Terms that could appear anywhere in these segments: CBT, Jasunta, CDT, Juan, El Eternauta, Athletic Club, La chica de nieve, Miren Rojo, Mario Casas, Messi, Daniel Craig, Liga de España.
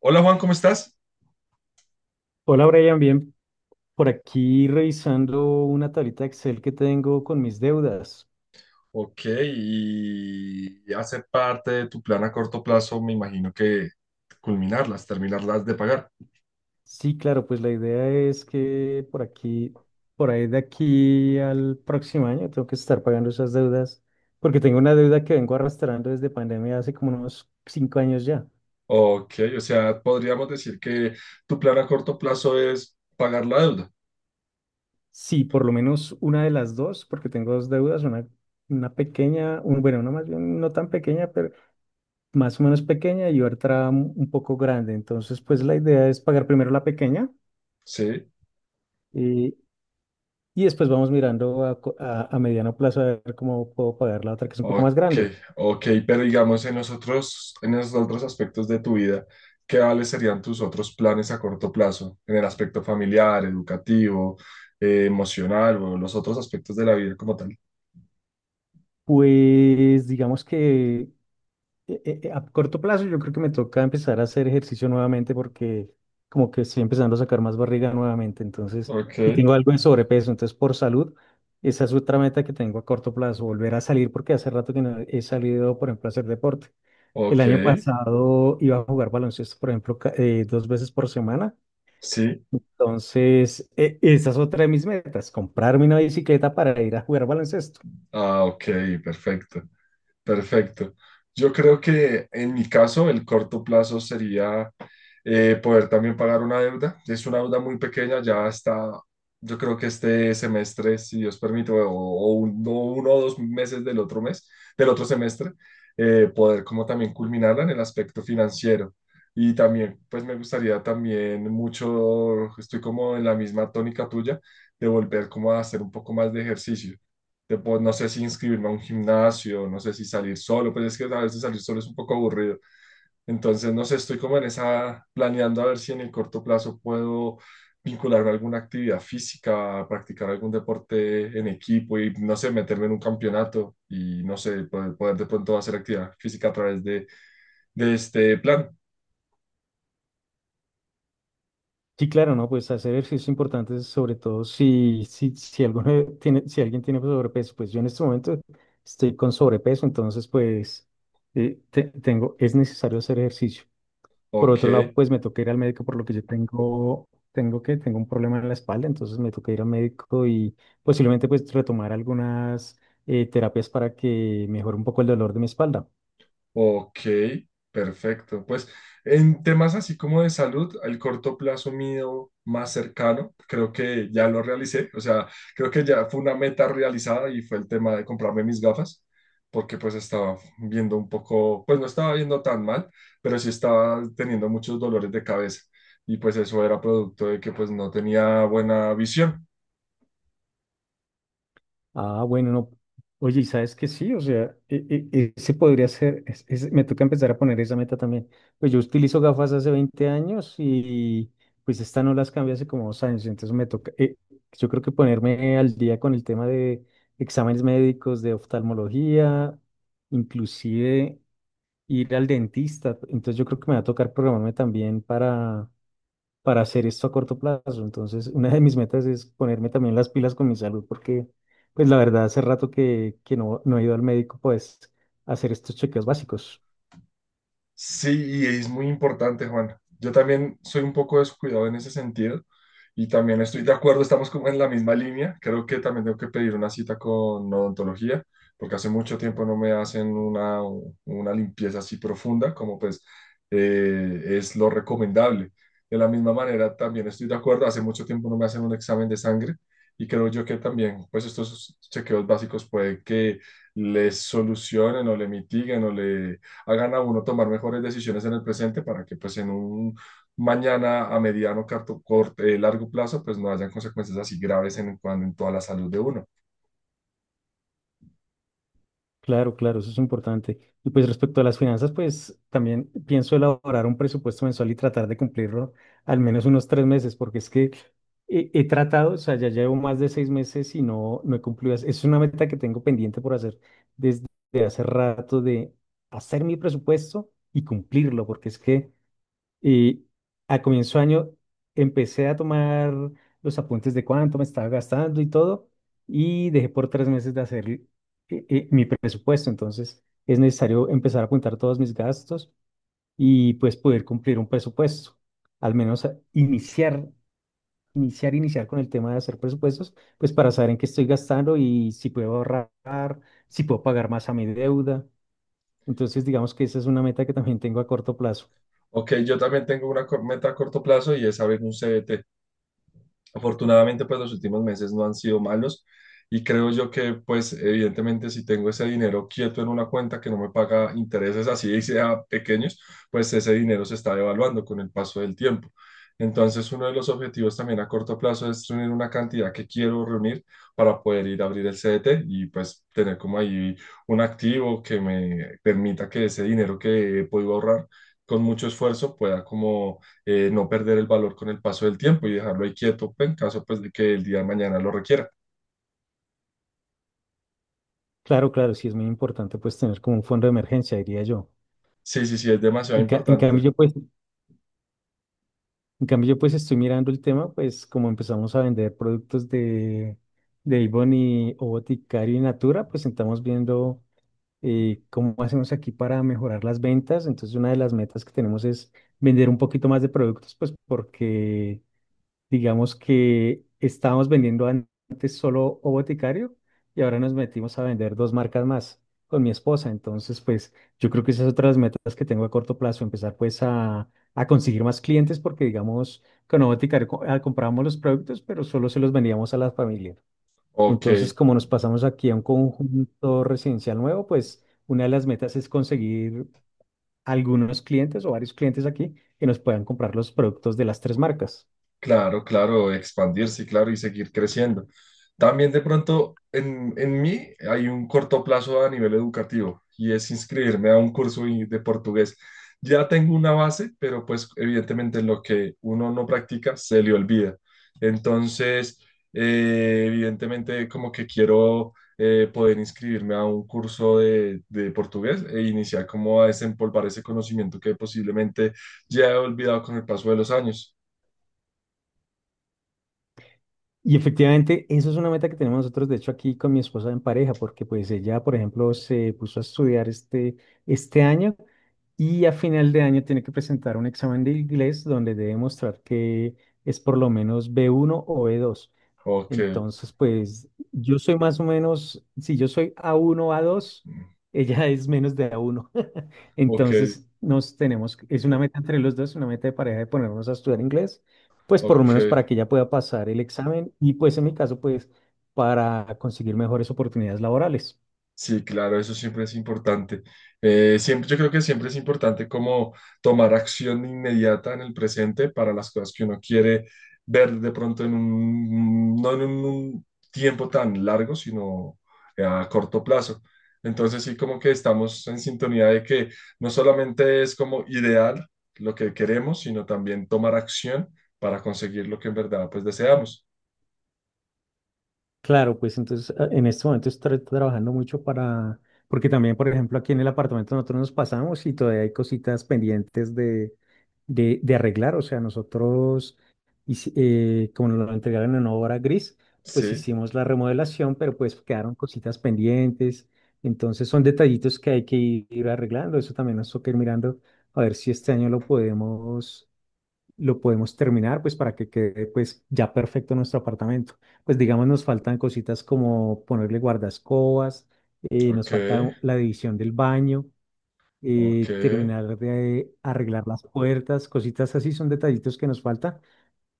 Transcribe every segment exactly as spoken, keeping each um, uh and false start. Hola Juan, ¿cómo estás? Hola Brian, bien, por aquí revisando una tablita Excel que tengo con mis deudas. Ok, y hace parte de tu plan a corto plazo, me imagino que culminarlas, terminarlas de pagar. Sí, claro, pues la idea es que por aquí, por ahí de aquí al próximo año tengo que estar pagando esas deudas, porque tengo una deuda que vengo arrastrando desde pandemia hace como unos cinco años ya. Ok, o sea, podríamos decir que tu plan a corto plazo es pagar la deuda, Sí, por lo menos una de las dos, porque tengo dos deudas, una, una pequeña, un, bueno, una más bien no tan pequeña, pero más o menos pequeña y otra un un poco grande. Entonces, pues la idea es pagar primero la pequeña. ¿sí? Y, y después vamos mirando a, co- a- a mediano plazo a ver cómo puedo pagar la otra que es un poco Ok, más grande. ok, pero digamos en los otros, en los otros aspectos de tu vida, ¿qué vales serían tus otros planes a corto plazo? En el aspecto familiar, educativo, eh, emocional o los otros aspectos de la vida como tal. Pues digamos que eh, eh, eh, a corto plazo yo creo que me toca empezar a hacer ejercicio nuevamente, porque como que estoy empezando a sacar más barriga nuevamente. Entonces, Ok. y tengo algo de sobrepeso, entonces por salud, esa es otra meta que tengo a corto plazo: volver a salir, porque hace rato que no he salido, por ejemplo, a hacer deporte. El Ok, año pasado iba a jugar baloncesto, por ejemplo, ca- eh, dos veces por semana. sí. Entonces, e- esa es otra de mis metas: comprarme una bicicleta para ir a jugar baloncesto. Ah, ok, perfecto, perfecto. Yo creo que en mi caso el corto plazo sería eh, poder también pagar una deuda. Es una deuda muy pequeña, ya está, yo creo que este semestre, si Dios permite, o, o un- o uno o dos meses del otro mes, del otro semestre, eh, poder como también culminarla en el aspecto financiero. Y también, pues me gustaría también mucho, estoy como en la misma tónica tuya, de volver como a hacer un poco más de ejercicio de, pues, no sé si inscribirme a un gimnasio, no sé si salir solo, pues es que a veces salir solo es un poco aburrido. Entonces, no sé, estoy como en esa, planeando a ver si en el corto plazo puedo vincularme a alguna actividad física, practicar algún deporte en equipo y, no sé, meterme en un campeonato y, no sé, poder, poder de pronto hacer actividad física a través de, de este plan. Sí, claro, ¿no? Pues hacer ejercicio es importante, sobre todo si, si, si, alguno tiene, si alguien tiene sobrepeso. Pues yo en este momento estoy con sobrepeso, entonces pues eh, te- tengo, es necesario hacer ejercicio. Por Ok. otro lado, pues me toca ir al médico por lo que yo tengo, tengo que, tengo un problema en la espalda, entonces me toca ir al médico y posiblemente pues retomar algunas eh, terapias para que mejore un poco el dolor de mi espalda. Ok, perfecto. Pues en temas así como de salud, el corto plazo mío más cercano, creo que ya lo realicé, o sea, creo que ya fue una meta realizada y fue el tema de comprarme mis gafas, porque pues estaba viendo un poco, pues no estaba viendo tan mal, pero sí estaba teniendo muchos dolores de cabeza y pues eso era producto de que pues no tenía buena visión. Ah, bueno, no. Oye, ¿y sabes que sí? O sea, e- e- ese podría ser, es- es- me toca empezar a poner esa meta también. Pues yo utilizo gafas hace veinte años y pues esta no las cambié hace como dos años, entonces me toca, eh, yo creo que ponerme al día con el tema de exámenes médicos, de oftalmología, inclusive ir al dentista. Entonces yo creo que me va a tocar programarme también para hacer esto a corto plazo. Entonces, una de mis metas es ponerme también las pilas con mi salud, porque, pues la verdad, hace rato que, que no, no he ido al médico, pues, a hacer estos chequeos básicos. Sí, y es muy importante, Juan. Yo también soy un poco descuidado en ese sentido y también estoy de acuerdo, estamos como en la misma línea. Creo que también tengo que pedir una cita con odontología porque hace mucho tiempo no me hacen una, una limpieza así profunda como pues eh, es lo recomendable. De la misma manera, también estoy de acuerdo, hace mucho tiempo no me hacen un examen de sangre y creo yo que también pues estos chequeos básicos puede que les solucionen o le mitiguen o le hagan a uno tomar mejores decisiones en el presente para que pues en un mañana a mediano, corto, corto, eh, largo plazo, pues no hayan consecuencias así graves en, cuan- en toda la salud de uno. Claro, claro, eso es importante. Y pues respecto a las finanzas, pues también pienso elaborar un presupuesto mensual y tratar de cumplirlo al menos unos tres meses, porque es que he, he tratado. O sea, ya llevo más de seis meses y no, no he cumplido. Es es una meta que tengo pendiente por hacer desde hace rato, de hacer mi presupuesto y cumplirlo, porque es que, y a comienzo de año empecé a tomar los apuntes de cuánto me estaba gastando y todo, y dejé por tres meses de hacer eh, eh, mi presupuesto. Entonces es necesario empezar a apuntar todos mis gastos y pues poder cumplir un presupuesto. Al menos a- iniciar, iniciar, iniciar con el tema de hacer presupuestos, pues para saber en qué estoy gastando y si puedo ahorrar, si puedo pagar más a mi deuda. Entonces digamos que esa es una meta que también tengo a corto plazo. Ok, yo también tengo una cor- meta a corto plazo y es abrir un C B T. Afortunadamente, pues los últimos meses no han sido malos y creo yo que, pues evidentemente, si tengo ese dinero quieto en una cuenta que no me paga intereses así y sea pequeños, pues ese dinero se está devaluando con el paso del tiempo. Entonces, uno de los objetivos también a corto plazo es reunir una cantidad que quiero reunir para poder ir a abrir el C D T y pues tener como ahí un activo que me permita que ese dinero que he podido ahorrar con mucho esfuerzo pueda como eh, no perder el valor con el paso del tiempo y dejarlo ahí quieto en caso pues, de que el día de mañana lo requiera. Claro, claro, sí es muy importante pues tener como un fondo de emergencia, diría yo. Sí, sí, sí, es demasiado En, ca- en cambio importante. yo pues, en cambio yo pues estoy mirando el tema, pues como empezamos a vender productos de, de Avon y O Boticario y Natura, pues estamos viendo eh, cómo hacemos aquí para mejorar las ventas. Entonces una de las metas que tenemos es vender un poquito más de productos, pues porque digamos que estábamos vendiendo an- antes solo O Boticario, y ahora nos metimos a vender dos marcas más con mi esposa. Entonces, pues yo creo que esas otras metas que tengo a corto plazo, empezar pues a, a conseguir más clientes, porque digamos con O Boticario co- ah, comprábamos los productos, pero solo se los vendíamos a la familia. Ok. Entonces, como nos pasamos aquí a un conjunto residencial nuevo, pues una de las metas es conseguir algunos clientes o varios clientes aquí que nos puedan comprar los productos de las tres marcas. Claro, claro, expandirse, claro, y seguir creciendo. También de pronto en, en mí hay un corto plazo a nivel educativo y es inscribirme a un curso y- de portugués. Ya tengo una base, pero pues evidentemente lo que uno no practica se le olvida. Entonces, eh, evidentemente como que quiero eh, poder inscribirme a un curso de, de portugués e iniciar como a desempolvar ese conocimiento que posiblemente ya he olvidado con el paso de los años. Y efectivamente, eso es una meta que tenemos nosotros, de hecho, aquí con mi esposa en pareja, porque pues ella, por ejemplo, se puso a estudiar este, este año, y a final de año tiene que presentar un examen de inglés donde debe mostrar que es por lo menos b uno o b dos. Ok. Entonces, pues yo soy más o menos, si yo soy a uno a dos, ella es menos de a uno. Ok, Entonces, nos tenemos, que- es una meta entre los dos, una meta de pareja de ponernos a estudiar inglés, pues por lo ok. menos para que ella pueda pasar el examen, y pues en mi caso, pues para conseguir mejores oportunidades laborales. Sí, claro, eso siempre es importante. Eh, siempre, yo creo que siempre es importante como tomar acción inmediata en el presente para las cosas que uno quiere ver de pronto en un, no en un tiempo tan largo, sino a corto plazo. Entonces sí, como que estamos en sintonía de que no solamente es como ideal lo que queremos, sino también tomar acción para conseguir lo que en verdad pues deseamos. Claro, pues entonces a- en este momento estoy trabajando mucho para, porque también, por ejemplo, aquí en el apartamento nosotros nos pasamos y todavía hay cositas pendientes de, de, de arreglar. O sea, nosotros, hici- eh, como nos lo entregaron en obra gris, pues Sí, hicimos la remodelación, pero pues quedaron cositas pendientes. Entonces son detallitos que hay que ir arreglando. Eso también nos toca ir mirando a ver si este año lo podemos lo podemos terminar, pues para que quede pues ya perfecto nuestro apartamento. Pues digamos nos faltan cositas como ponerle guardascobas, eh, ok, nos falta la división del baño, ok. eh, terminar de arreglar las puertas, cositas así, son detallitos que nos falta.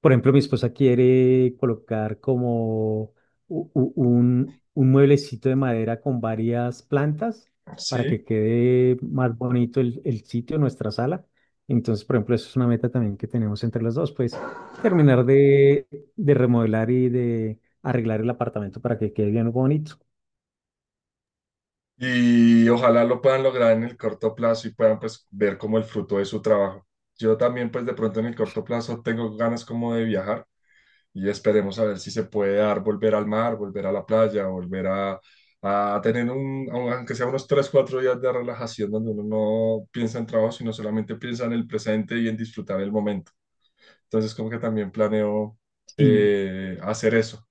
Por ejemplo, mi esposa quiere colocar como u- u- un, un mueblecito de madera con varias plantas para Sí, que quede más bonito el, el sitio, nuestra sala. Entonces, por ejemplo, eso es una meta también que tenemos entre los dos, pues terminar de, de remodelar y de arreglar el apartamento para que quede bien bonito. y ojalá lo puedan lograr en el corto plazo y puedan pues ver como el fruto de su trabajo. Yo también pues de pronto en el corto plazo tengo ganas como de viajar y esperemos a ver si se puede dar volver al mar, volver a la playa, volver a, a tener un, aunque sea unos tres o cuatro días de relajación donde uno no piensa en trabajo, sino solamente piensa en el presente y en disfrutar el momento. Entonces como que también planeo Sí. eh, hacer eso.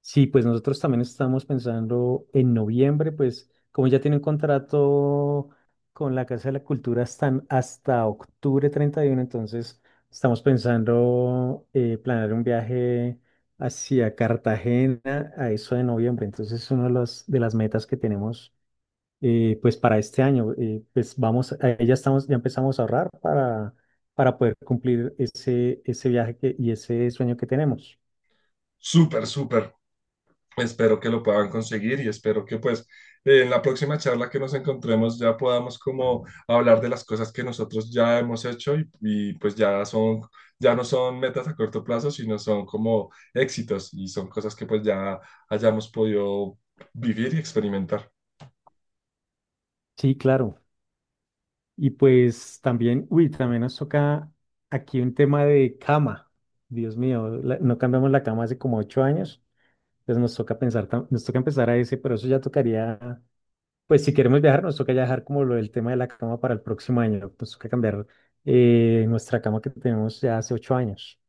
Sí, pues nosotros también estamos pensando en noviembre, pues como ya tiene un contrato con la Casa de la Cultura hasta, hasta octubre treinta y uno. Entonces estamos pensando eh, planear un viaje hacia Cartagena a eso de noviembre. Entonces es una de las, de las metas que tenemos eh, pues para este año. Eh, pues vamos, a- ya estamos, ya empezamos a ahorrar para, para poder cumplir ese, ese viaje que- y ese sueño que tenemos. Súper, súper. Espero que lo puedan conseguir y espero que pues eh, en la próxima charla que nos encontremos ya podamos como hablar de las cosas que nosotros ya hemos hecho y, y, pues ya son, ya no son metas a corto plazo, sino son como éxitos y son cosas que pues ya hayamos podido vivir y experimentar. Sí, claro. Y pues también, uy, también nos toca aquí un tema de cama. Dios mío, la- no cambiamos la cama hace como ocho años, entonces nos toca pensar, tam- nos toca empezar a ese, pero eso ya tocaría, pues si queremos viajar, nos toca ya dejar como lo del tema de la cama para el próximo año. Nos toca cambiar eh, nuestra cama que tenemos ya hace ocho años.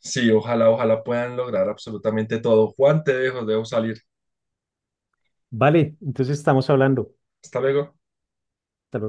Sí, ojalá, ojalá puedan lograr absolutamente todo. Juan, te dejo, dejo salir. Vale, entonces estamos hablando. Hasta luego. Hasta